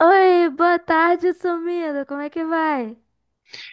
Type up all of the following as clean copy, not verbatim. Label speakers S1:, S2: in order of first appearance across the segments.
S1: Oi, boa tarde, sumido. Como é que vai?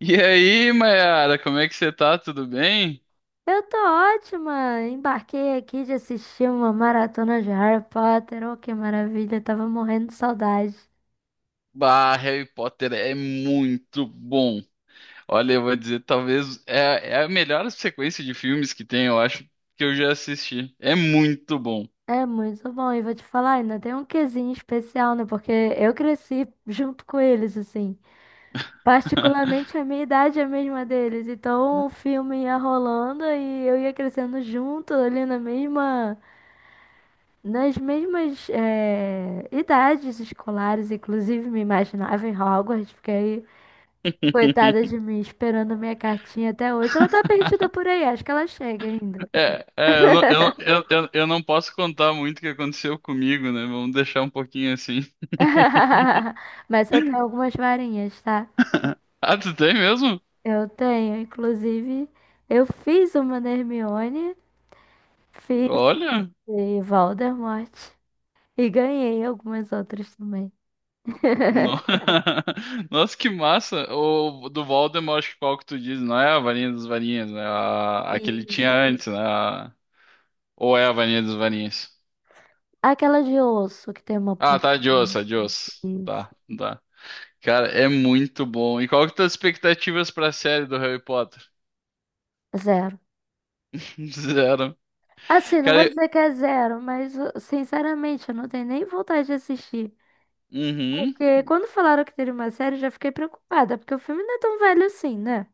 S2: E aí, Mayara, como é que você tá? Tudo bem?
S1: Eu tô ótima. Embarquei aqui de assistir uma maratona de Harry Potter. Oh, que maravilha. Tava morrendo de saudade.
S2: Bah, Harry Potter é muito bom. Olha, eu vou dizer, talvez é a melhor sequência de filmes que tem, eu acho, que eu já assisti. É muito bom.
S1: É muito bom. E vou te falar, ainda tem um quesinho especial, né? Porque eu cresci junto com eles, assim. Particularmente a minha idade é a mesma deles. Então o filme ia rolando e eu ia crescendo junto ali na mesma. Nas mesmas idades escolares, inclusive me imaginava em Hogwarts, porque aí coitada de mim esperando minha cartinha até hoje. Ela tá perdida por aí, acho que ela chega ainda.
S2: É, é, eu não, eu, não- eu não posso contar muito o que aconteceu comigo, né? Vamos deixar um pouquinho assim.
S1: Mas eu tenho algumas varinhas, tá?
S2: Ah, tu tem mesmo?
S1: Eu tenho, inclusive, eu fiz uma da Hermione, fiz
S2: Olha.
S1: de Voldemort e ganhei algumas outras também.
S2: No- Nossa, que massa! O do Voldemort, acho que qual que tu diz? Não é a varinha dos varinhas, né? A que ele
S1: E
S2: tinha antes, né? Ou é a varinha dos varinhas?
S1: aquela de osso que tem uma
S2: Ah,
S1: ponta.
S2: tá, de osso, a de osso.
S1: Isso.
S2: Tá, tá. Cara, é muito bom. E qual que tuas expectativas pra série do Harry Potter?
S1: Zero.
S2: Zero.
S1: Assim, não
S2: Cara,
S1: vou
S2: eu-
S1: dizer que é zero, mas sinceramente eu não tenho nem vontade de assistir.
S2: uhum.
S1: Porque quando falaram que teria uma série, eu já fiquei preocupada, porque o filme não é tão velho assim, né?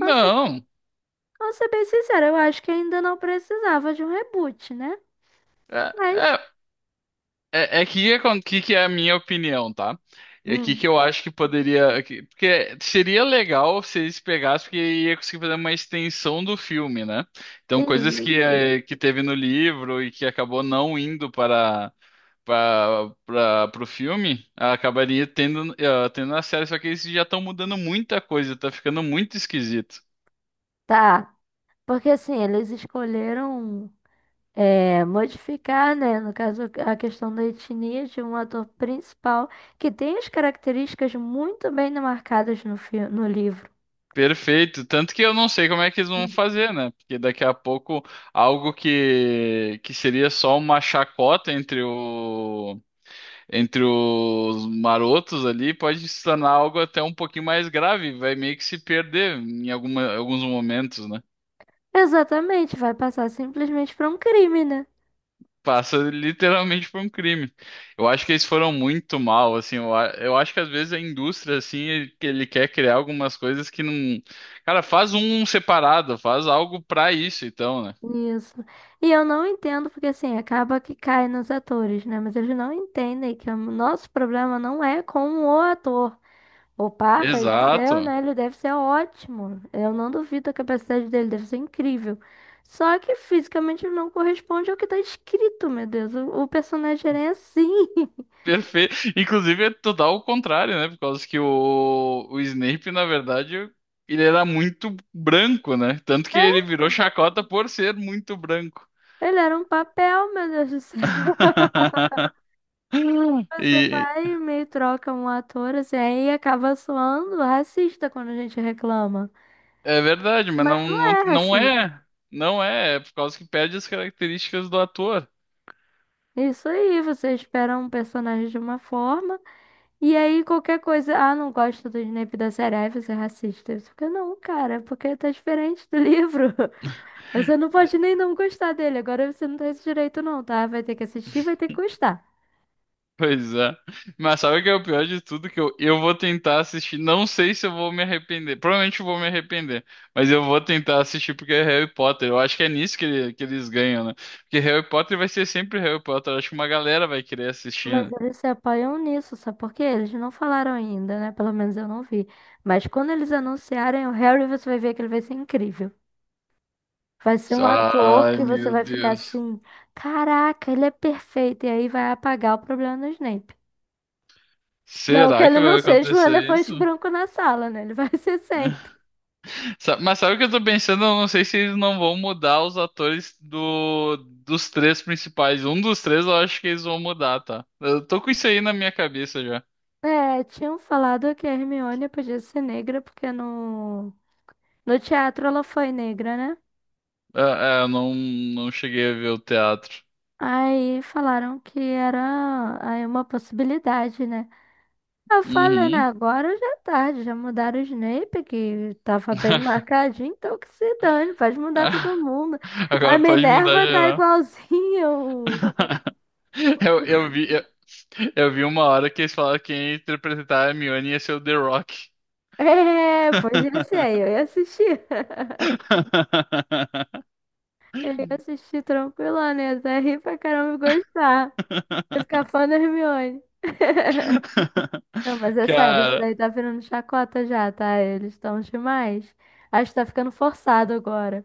S1: Nossa, vou ser bem sincera, eu acho que ainda não precisava de um reboot, né?
S2: É,
S1: Mas,
S2: é, É, é que, o que é a minha opinião, tá? É que
S1: hum,
S2: que eu acho que Porque seria legal se eles pegassem, porque ia conseguir fazer uma extensão do filme, né? Então, coisas que,
S1: isso.
S2: que teve no livro e que acabou não indo para, pro filme, acabaria tendo, tendo na série. Só que eles já estão mudando muita coisa, tá ficando muito esquisito.
S1: Tá. Porque assim, eles escolheram modificar, né? No caso, a questão da etnia de um ator principal que tem as características muito bem marcadas no livro.
S2: Perfeito. Tanto que eu não sei como é que eles vão fazer, né? Porque daqui a pouco algo que seria só uma chacota entre entre os marotos ali pode se tornar algo até um pouquinho mais grave. Vai meio que se perder em alguns momentos, né?
S1: Exatamente, vai passar simplesmente para um crime, né?
S2: Passa literalmente por um crime. Eu acho que eles foram muito mal, assim. Eu acho que às vezes a indústria, assim, ele quer criar algumas coisas que não. Cara, faz um separado, faz algo pra isso, então, né?
S1: Isso. E eu não entendo, porque assim, acaba que cai nos atores, né? Mas eles não entendem que o nosso problema não é com o ator. O Papa do céu,
S2: Exato.
S1: né? Ele deve ser ótimo. Eu não duvido a capacidade dele, deve ser incrível. Só que fisicamente ele não corresponde ao que tá escrito, meu Deus. O personagem era assim.
S2: Perfeito. Inclusive é total o contrário, né? Por causa que o Snape, na verdade, ele era muito branco, né? Tanto que
S1: É,
S2: ele virou chacota por ser muito branco.
S1: ele era um papel, meu Deus do céu. Você
S2: E
S1: vai e meio troca um ator, assim, aí acaba soando racista quando a gente reclama.
S2: é verdade, mas
S1: Mas
S2: não,
S1: não
S2: não,
S1: é
S2: não
S1: racista.
S2: é. Não é, é por causa que perde as características do ator.
S1: Isso aí, você espera um personagem de uma forma, e aí qualquer coisa, ah, não gosto do Snape da série, aí você é racista. Você fica, não, cara, é porque tá diferente do livro. Você não pode nem não gostar dele, agora você não tem esse direito não, tá? Vai ter que assistir, vai ter que gostar.
S2: Pois é. Mas sabe o que é o pior de tudo? Que eu vou tentar assistir. Não sei se eu vou me arrepender. Provavelmente eu vou me arrepender. Mas eu vou tentar assistir porque é Harry Potter. Eu acho que é nisso que eles ganham, né? Porque Harry Potter vai ser sempre Harry Potter. Eu acho que uma galera vai querer assistir,
S1: Mas
S2: né?
S1: eles se apoiam nisso, sabe por quê? Eles não falaram ainda, né? Pelo menos eu não vi. Mas quando eles anunciarem o Harry, você vai ver que ele vai ser incrível. Vai ser um ator
S2: Ai,
S1: que você
S2: meu
S1: vai ficar
S2: Deus.
S1: assim, caraca, ele é perfeito. E aí vai apagar o problema do Snape. Não que
S2: Será
S1: ele
S2: que
S1: não
S2: vai
S1: seja um
S2: acontecer isso?
S1: elefante branco na sala, né? Ele vai ser sempre.
S2: Mas sabe o que eu tô pensando? Eu não sei se eles não vão mudar os atores dos três principais. Um dos três eu acho que eles vão mudar, tá? Eu tô com isso aí na minha cabeça já.
S1: É, tinham falado que a Hermione podia ser negra, porque no teatro ela foi negra, né?
S2: Eu não, não cheguei a ver o teatro.
S1: Aí falaram que era aí uma possibilidade, né? Eu falando
S2: Uhum.
S1: agora já é tarde, já mudaram o Snape, que tava bem marcadinho, então que se dane, pode mudar todo mundo. A
S2: Agora pode mudar
S1: Minerva tá
S2: geral.
S1: igualzinho.
S2: Eu, eu vi, eu, eu vi uma hora que eles falaram que quem ia interpretar a Hermione ia ser o The Rock.
S1: É, pois ia ser, eu ia assistir. Eu ia assistir tranquila, né? Até rir pra caramba e gostar. Eu ia ficar fã da Hermione. Não, mas é sério, isso
S2: Cara,
S1: daí tá virando chacota já, tá? Eles estão demais. Acho que tá ficando forçado agora.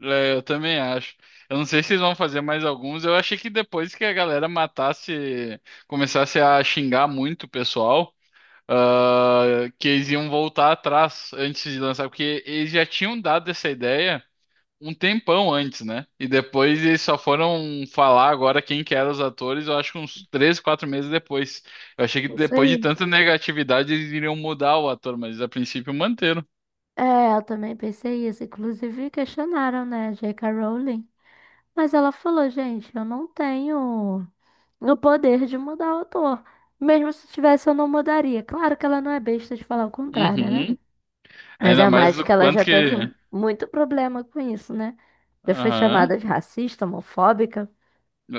S2: é, eu também acho. Eu não sei se eles vão fazer mais alguns. Eu achei que depois que a galera matasse, começasse a xingar muito o pessoal, ah, que eles iam voltar atrás antes de lançar, porque eles já tinham dado essa ideia um tempão antes, né? E depois eles só foram falar agora quem que eram os atores, eu acho que uns três, quatro meses depois. Eu achei que
S1: Isso
S2: depois de
S1: aí.
S2: tanta negatividade eles iriam mudar o ator, mas a princípio manteram.
S1: É, eu também pensei isso. Inclusive, questionaram, né, J.K. Rowling. Mas ela falou, gente, eu não tenho o poder de mudar o autor. Mesmo se tivesse, eu não mudaria. Claro que ela não é besta de falar o contrário, né?
S2: Uhum. Ainda
S1: Ainda
S2: mais
S1: mais
S2: o
S1: que ela
S2: quanto
S1: já
S2: que.
S1: teve muito problema com isso, né? Já foi
S2: Aham.
S1: chamada de racista, homofóbica.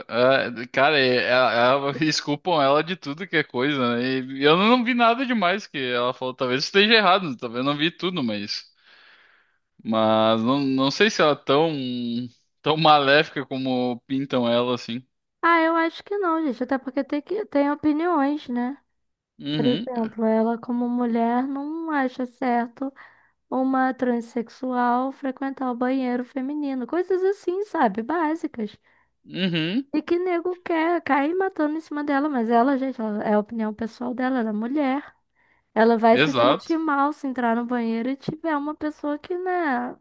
S2: Ah, cara, eles culpam ela de tudo que é coisa, né? E eu não vi nada demais que ela falou. Talvez esteja errado, talvez eu não vi tudo, mas. Mas não, não sei se ela é tão maléfica como pintam ela, assim.
S1: Ah, eu acho que não, gente. Até porque tem que tem opiniões, né? Por
S2: Uhum,
S1: exemplo, ela como mulher não acha certo uma transexual frequentar o banheiro feminino, coisas assim, sabe? Básicas.
S2: uhum,
S1: E que nego quer cair matando em cima dela, mas ela, gente, é a opinião pessoal dela, ela é mulher. Ela vai se
S2: exato.
S1: sentir mal se entrar no banheiro e tiver uma pessoa que, né,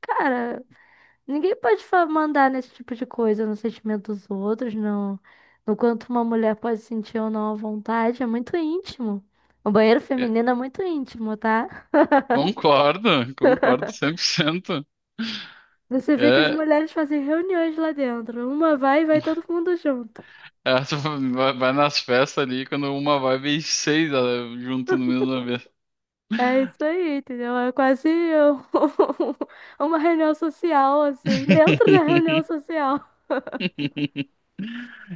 S1: cara, ninguém pode mandar nesse tipo de coisa, no sentimento dos outros, no quanto uma mulher pode sentir ou não à vontade, é muito íntimo. O banheiro
S2: É,
S1: feminino é muito íntimo, tá?
S2: concordo, concordo cem por cento.
S1: Você vê que as
S2: É,
S1: mulheres fazem reuniões lá dentro. Uma vai e vai todo mundo junto.
S2: ela vai vai nas festas ali, quando uma vai, vem seis ah, junto no mesmo vez.
S1: É isso aí, entendeu? É quase um- uma reunião social, assim, dentro da reunião social.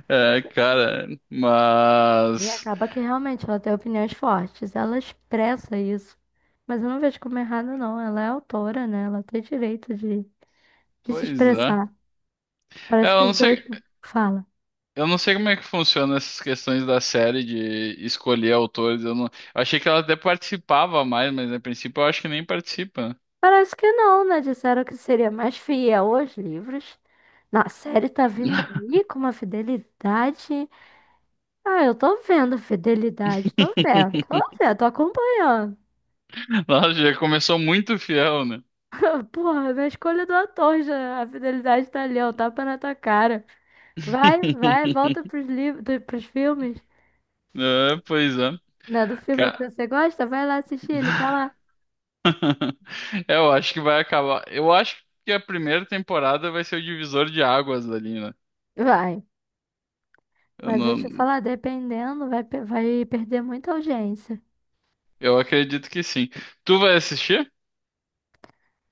S2: É,
S1: Então,
S2: cara,
S1: e
S2: mas.
S1: acaba que realmente ela tem opiniões fortes, ela expressa isso. Mas eu não vejo como errado, não. Ela é autora, né? Ela tem direito de se
S2: Pois é.
S1: expressar.
S2: É,
S1: Parece que
S2: eu
S1: os
S2: não
S1: Sim. dois
S2: sei,
S1: falam.
S2: eu não sei como é que funciona essas questões da série de escolher autores. Eu não, eu achei que ela até participava mais, mas a princípio eu acho que nem participa, né?
S1: Parece que não, né? Disseram que seria mais fiel aos livros. Na série tá vindo aí com uma fidelidade. Ah, eu tô vendo fidelidade, tô vendo, tô vendo, tô acompanhando.
S2: Nossa, já começou muito fiel, né?
S1: Porra, na escolha do ator já, a fidelidade tá ali, ó, o tapa na tua cara. Vai, vai, volta pros livros, pros filmes,
S2: É, pois é.
S1: né? Do filme
S2: Ca-
S1: que você gosta, vai lá assistir, ele tá lá.
S2: É, eu acho que vai acabar. Eu acho que a primeira temporada vai ser o divisor de águas ali, né?
S1: Vai.
S2: Eu
S1: Mas deixa eu
S2: não,
S1: falar, dependendo, vai, vai perder muita audiência.
S2: eu acredito que sim. Tu vai assistir?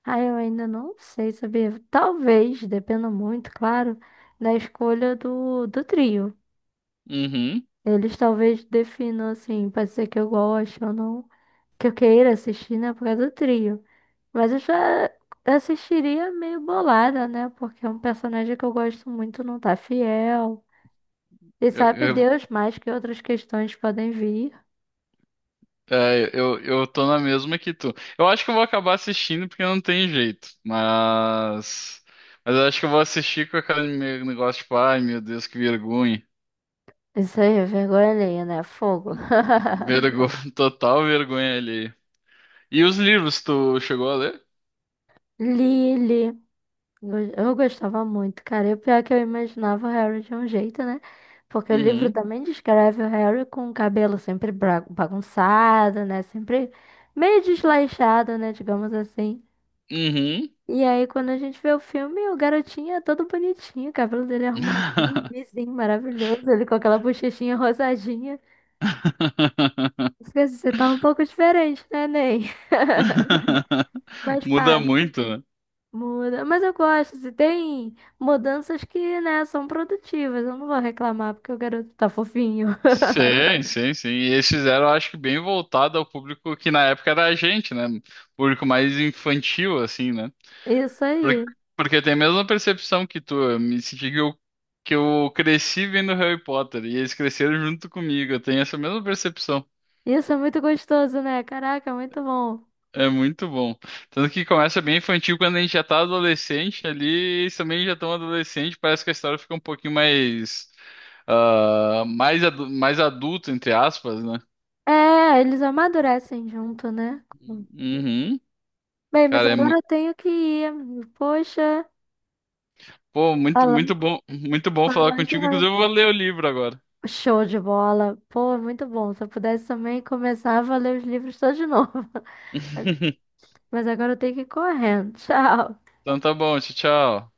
S1: Ah, eu ainda não sei, sabia? Talvez, dependa muito, claro, da escolha do trio.
S2: Uhum.
S1: Eles talvez definam assim, pode ser que eu goste ou não, que eu queira assistir, né, por causa do trio. Mas eu já assistiria meio bolada, né? Porque é um personagem que eu gosto muito, não tá fiel. E
S2: Eu,
S1: sabe
S2: eu,
S1: Deus mais que outras questões podem vir.
S2: eu tô na mesma que tu. Eu acho que eu vou acabar assistindo porque não tem jeito. Mas. Mas eu acho que eu vou assistir com aquele meu negócio, tipo, ai meu Deus, que vergonha.
S1: Isso aí é vergonha alheia, né? Fogo.
S2: Vergonha, total vergonha ali. E os livros, tu chegou a ler?
S1: Lily. Go- eu gostava muito, cara. E o pior é que eu imaginava o Harry de um jeito, né? Porque o livro
S2: Uhum.
S1: também descreve o Harry com o cabelo sempre bagunçado, né? Sempre meio desleixado, né? Digamos assim.
S2: Uhum.
S1: E aí, quando a gente vê o filme, o garotinho é todo bonitinho, o cabelo dele é arrumadinho, lisinho, maravilhoso, ele com aquela bochechinha rosadinha. Você tá um pouco diferente, né, Ney? Mas pá.
S2: Muda muito, né?
S1: Muda, mas eu gosto, se tem mudanças que, né, são produtivas. Eu não vou reclamar porque o garoto tá fofinho.
S2: Sim, sim, sim. E eles fizeram, acho que bem voltado ao público que na época era a gente, né? Público mais infantil, assim, né?
S1: Isso
S2: Porque,
S1: aí.
S2: porque tem a mesma percepção que tu. Eu me senti que eu cresci vendo Harry Potter e eles cresceram junto comigo. Eu tenho essa mesma percepção.
S1: Isso é muito gostoso, né? Caraca, muito bom.
S2: É muito bom. Tanto que começa bem infantil quando a gente já tá adolescente ali, eles também já estão adolescente, parece que a história fica um pouquinho mais. Ah, mais, mais adulto, entre aspas, né?
S1: É, eles amadurecem junto, né?
S2: Uhum.
S1: Bem, mas
S2: Cara, é, mu-
S1: agora eu tenho que ir. Poxa,
S2: Pô, muito,
S1: falar,
S2: muito bom falar
S1: falar de
S2: contigo.
S1: Harry-
S2: Inclusive, eu vou ler o livro agora.
S1: show de bola. Pô, muito bom. Se eu pudesse também começar a ler os livros todos de novo. Mas agora eu tenho que ir correndo. Tchau.
S2: Então tá bom, tchau, tchau.